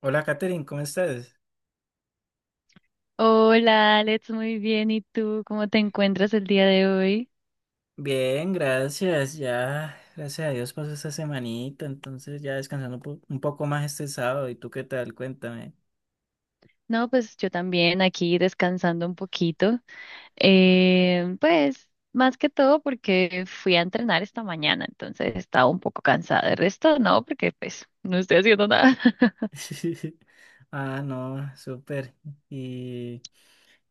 Hola, Katherine, ¿cómo estás? Hola Alex, muy bien. ¿Y tú cómo te encuentras el día de hoy? Bien, gracias. Ya, gracias a Dios pasó esta semanita, entonces ya descansando un poco más este sábado. ¿Y tú qué tal? Cuéntame. No, pues yo también aquí descansando un poquito. Pues más que todo porque fui a entrenar esta mañana, entonces estaba un poco cansada. El resto no, porque pues no estoy haciendo nada. Ah, no, súper. Y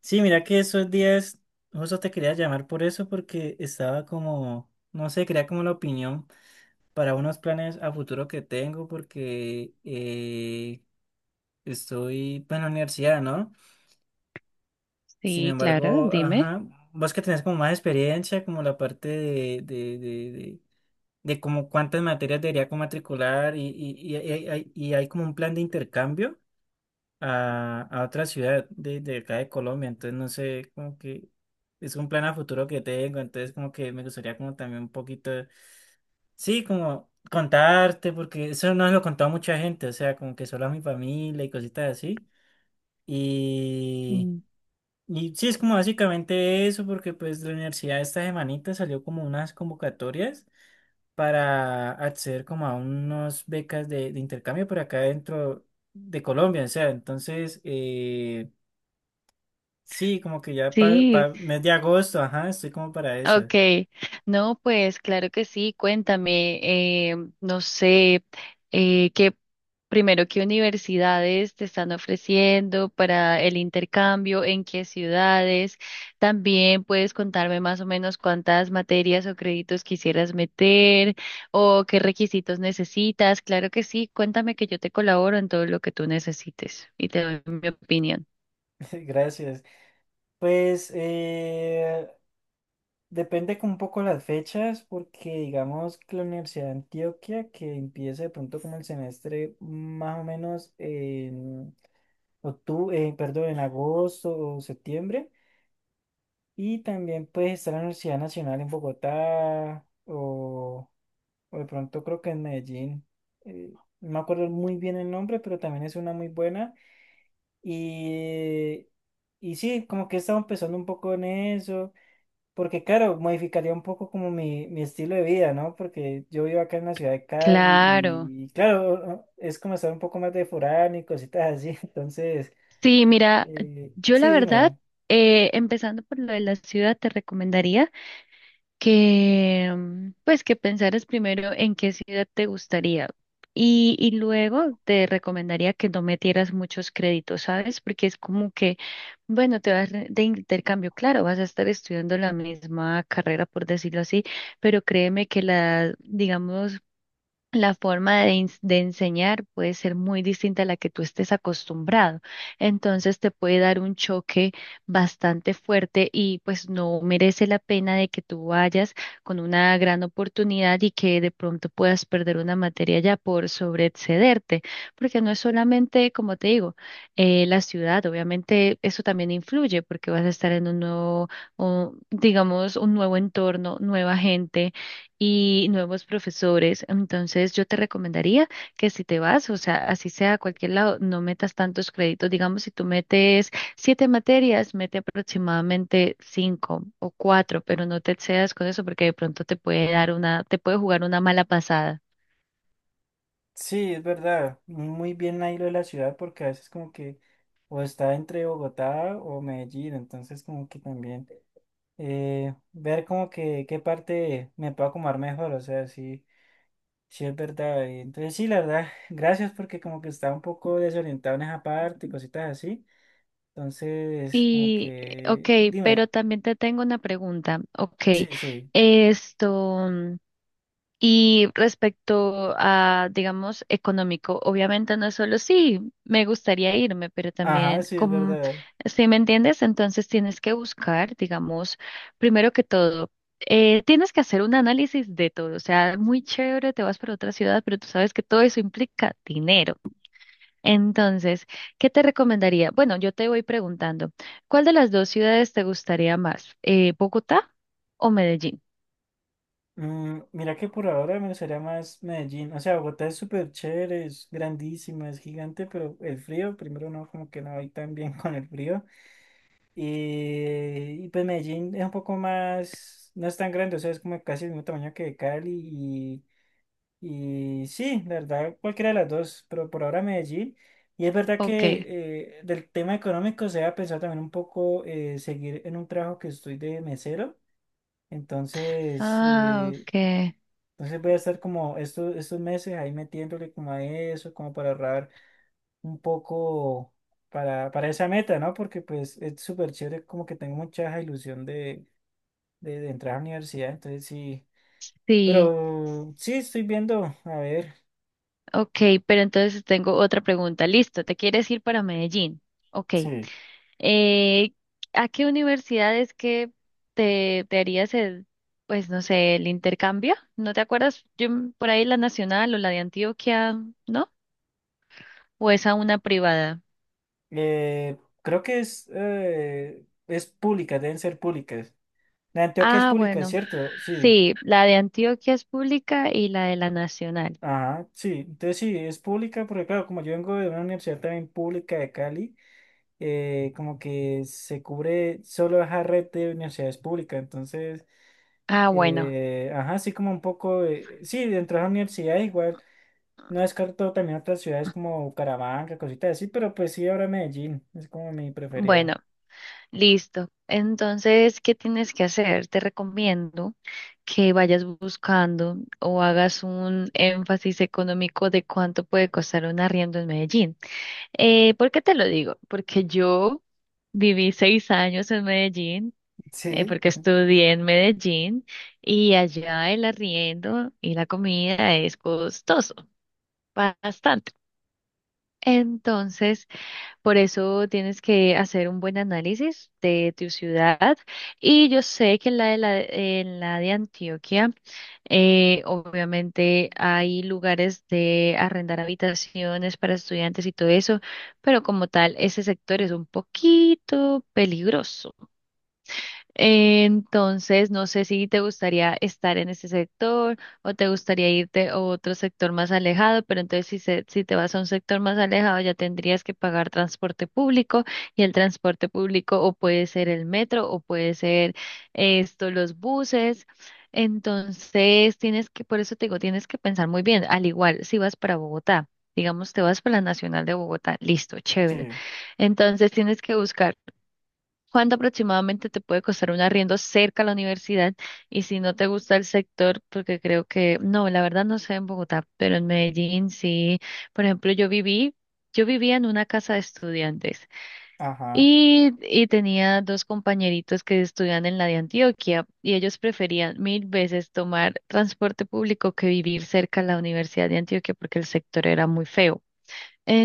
sí, mira que esos días, justo te quería llamar por eso, porque estaba como, no sé, quería como la opinión para unos planes a futuro que tengo, porque estoy pues, en la universidad, ¿no? Sin Sí, claro, embargo, dime. ajá, vos que tenés como más experiencia, como la parte de como cuántas materias debería como matricular y hay como un plan de intercambio a otra ciudad de acá de Colombia, entonces no sé, como que es un plan a futuro que tengo, entonces como que me gustaría como también un poquito, sí, como contarte, porque eso no lo he contado a mucha gente, o sea, como que solo a mi familia y cositas así. Mm. Y sí, es como básicamente eso, porque pues la universidad esta semanita salió como unas convocatorias para acceder como a unas becas de intercambio por acá dentro de Colombia, o sea, entonces, sí, como que ya Sí. para mes de agosto, ajá, estoy como para eso. Okay, no, pues claro que sí, cuéntame, no sé, eh, qué, primero, qué universidades te están ofreciendo para el intercambio, en qué ciudades, también puedes contarme más o menos cuántas materias o créditos quisieras meter o qué requisitos necesitas. Claro que sí, cuéntame, que yo te colaboro en todo lo que tú necesites y te doy mi opinión. Gracias. Pues depende con un poco las fechas, porque digamos que la Universidad de Antioquia, que empieza de pronto como el semestre más o menos octubre, perdón, en agosto o septiembre. Y también puedes estar en la Universidad Nacional en Bogotá o de pronto creo que en Medellín. eh, no me acuerdo muy bien el nombre, pero también es una muy buena. Y, y sí, como que he estado empezando un poco en eso, porque claro, modificaría un poco como mi estilo de vida, ¿no? Porque yo vivo acá en la ciudad de Cali Claro. Y claro, es como estar un poco más de foráneo y cositas así. Entonces, Sí, mira, yo la sí, verdad, dime. Empezando por lo de la ciudad, te recomendaría que, pues, que pensaras primero en qué ciudad te gustaría, y luego te recomendaría que no metieras muchos créditos, ¿sabes? Porque es como que, bueno, te vas de intercambio, claro, vas a estar estudiando la misma carrera, por decirlo así, pero créeme que la, digamos, la forma de, de enseñar puede ser muy distinta a la que tú estés acostumbrado. Entonces te puede dar un choque bastante fuerte y pues no merece la pena de que tú vayas con una gran oportunidad y que de pronto puedas perder una materia ya por sobreexcederte. Porque no es solamente, como te digo, la ciudad. Obviamente eso también influye porque vas a estar en un nuevo, o, digamos, un nuevo entorno, nueva gente y nuevos profesores. Entonces, yo te recomendaría que si te vas, o sea, así sea a cualquier lado, no metas tantos créditos. Digamos, si tú metes siete materias, mete aproximadamente cinco o cuatro, pero no te excedas con eso porque de pronto te puede dar una, te puede jugar una mala pasada. Sí, es verdad. Muy bien ahí lo de la ciudad porque a veces como que o está entre Bogotá o Medellín, entonces como que también ver como que qué parte me puedo acomodar mejor, o sea, sí, sí es verdad. Y entonces sí, la verdad, gracias porque como que estaba un poco desorientado en esa parte y cositas así. Entonces, como Y, ok, que, dime, pero también te tengo una pregunta. Ok, sí, sí, esto. Y respecto a, digamos, económico, obviamente no es solo sí, me gustaría irme, pero ajá, también, sí, es como, verdad. si me entiendes, entonces tienes que buscar, digamos, primero que todo, tienes que hacer un análisis de todo. O sea, muy chévere, te vas para otra ciudad, pero tú sabes que todo eso implica dinero. Entonces, ¿qué te recomendaría? Bueno, yo te voy preguntando, ¿cuál de las dos ciudades te gustaría más? ¿Bogotá o Medellín? Mm, mira que por ahora me gustaría más Medellín. O sea, Bogotá es súper chévere, es grandísima, es gigante, pero el frío, primero no, como que no voy tan bien con el frío. Y pues Medellín es un poco más, no es tan grande, o sea, es como casi el mismo tamaño que Cali. Y sí, la verdad, cualquiera de las dos, pero por ahora Medellín. Y es verdad Ok. que del tema económico se ha pensado también un poco seguir en un trabajo que estoy de mesero. Entonces, Ah, ok. entonces voy a estar como estos meses ahí metiéndole como a eso, como para ahorrar un poco para esa meta, ¿no? Porque pues es súper chévere, como que tengo mucha ilusión de entrar a la universidad, entonces sí. Sí, Pero sí, estoy viendo, a ver, ok, pero entonces tengo otra pregunta. Listo, ¿te quieres ir para Medellín? Ok. sí. Eh, ¿A qué universidad es que te harías el, pues no sé, el intercambio? ¿No te acuerdas? Yo por ahí la Nacional o la de Antioquia, ¿no? ¿O es a una privada? eh, Creo que es pública, deben ser públicas. La de Antioquia es Ah, pública, bueno, ¿cierto? Sí. sí, la de Antioquia es pública y la de la Nacional. Ajá, sí. Entonces sí, es pública, porque claro, como yo vengo de una universidad también pública de Cali. Como que se cubre solo esa red de universidades públicas. Entonces, Ah, bueno, ajá, sí como un poco, de- sí, dentro de esa universidad igual, no descarto también otras ciudades como Bucaramanga, cositas así, pero pues sí, ahora Medellín, es como mi preferida. bueno. Listo. Entonces, ¿qué tienes que hacer? Te recomiendo que vayas buscando o hagas un énfasis económico de cuánto puede costar un arriendo en Medellín. ¿Por qué te lo digo? Porque yo viví 6 años en Medellín, Sí, porque estudié en Medellín, y allá el arriendo y la comida es costoso, bastante. Entonces, por eso tienes que hacer un buen análisis de tu ciudad. Y yo sé que en la de, la, en la de Antioquia, obviamente hay lugares de arrendar habitaciones para estudiantes y todo eso, pero como tal, ese sector es un poquito peligroso. Entonces, no sé si te gustaría estar en ese sector o te gustaría irte a otro sector más alejado, pero entonces si te vas a un sector más alejado, ya tendrías que pagar transporte público, y el transporte público o puede ser el metro o puede ser los buses. Entonces, tienes que, por eso te digo, tienes que pensar muy bien, al igual si vas para Bogotá. Digamos, te vas para la Nacional de Bogotá, listo, chévere. sí. Entonces tienes que buscar cuánto aproximadamente te puede costar un arriendo cerca a la universidad, y si no te gusta el sector, porque creo que, no, la verdad no sé en Bogotá, pero en Medellín sí. Por ejemplo, yo vivía en una casa de estudiantes, Ajá, y tenía dos compañeritos que estudian en la de Antioquia y ellos preferían mil veces tomar transporte público que vivir cerca a la Universidad de Antioquia porque el sector era muy feo.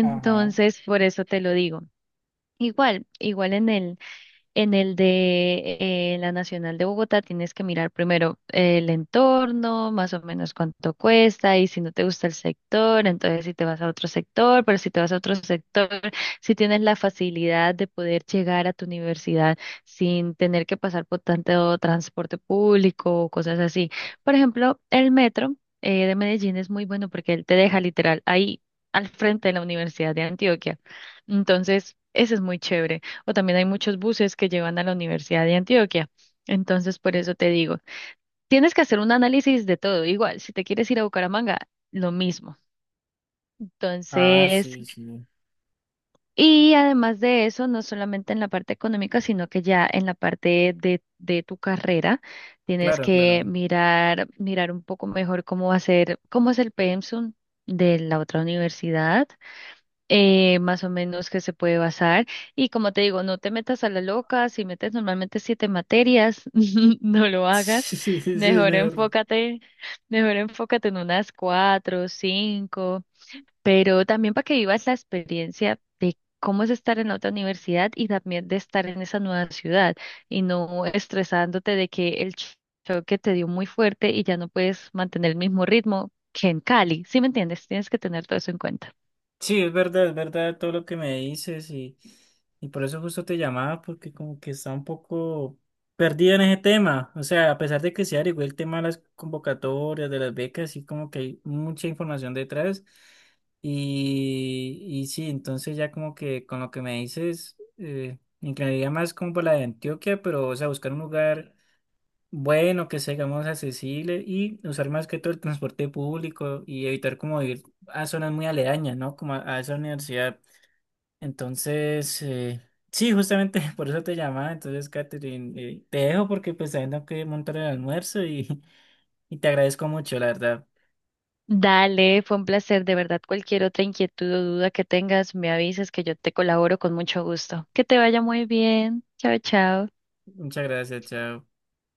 ajá. por eso te lo digo. Igual, igual en él. En el de la Nacional de Bogotá tienes que mirar primero el entorno, más o menos cuánto cuesta, y si no te gusta el sector, entonces si te vas a otro sector, pero si te vas a otro sector, si tienes la facilidad de poder llegar a tu universidad sin tener que pasar por tanto transporte público o cosas así. Por ejemplo, el metro de Medellín es muy bueno porque él te deja literal ahí al frente de la Universidad de Antioquia. Entonces, eso es muy chévere, o también hay muchos buses que llevan a la Universidad de Antioquia. Entonces, por eso te digo, tienes que hacer un análisis de todo. Igual, si te quieres ir a Bucaramanga, lo mismo. Ah, Entonces, sí, sí. y además de eso, no solamente en la parte económica, sino que ya en la parte de tu carrera, tienes Claro, que claro. mirar, mirar un poco mejor cómo va a ser, cómo es el pensum de la otra universidad, más o menos que se puede basar. Y como te digo, no te metas a la loca, si metes normalmente siete materias, no lo hagas. Sí, sí, es Mejor mejor. enfócate, mejor enfócate en unas cuatro, cinco, pero también para que vivas la experiencia de cómo es estar en otra universidad y también de estar en esa nueva ciudad, y no estresándote de que el choque te dio muy fuerte y ya no puedes mantener el mismo ritmo que en Cali, ¿sí me entiendes? Tienes que tener todo eso en cuenta. Sí, es verdad todo lo que me dices y por eso justo te llamaba porque como que está un poco perdido en ese tema. O sea, a pesar de que se averiguó el tema de las convocatorias, de las becas, sí como que hay mucha información detrás. Y sí, entonces ya como que con lo que me dices, me inclinaría más como por la de Antioquia, pero o sea, buscar un lugar bueno, que seamos accesibles y usar más que todo el transporte público y evitar como ir a zonas muy aledañas, ¿no? Como a esa universidad. Entonces, sí, justamente por eso te llamaba. Entonces, Catherine, te dejo porque pues también tengo que montar el almuerzo y, y te agradezco mucho, la verdad. Dale, fue un placer, de verdad. Cualquier otra inquietud o duda que tengas, me avisas que yo te colaboro con mucho gusto. Que te vaya muy bien. Chao, chao. Muchas gracias, chao.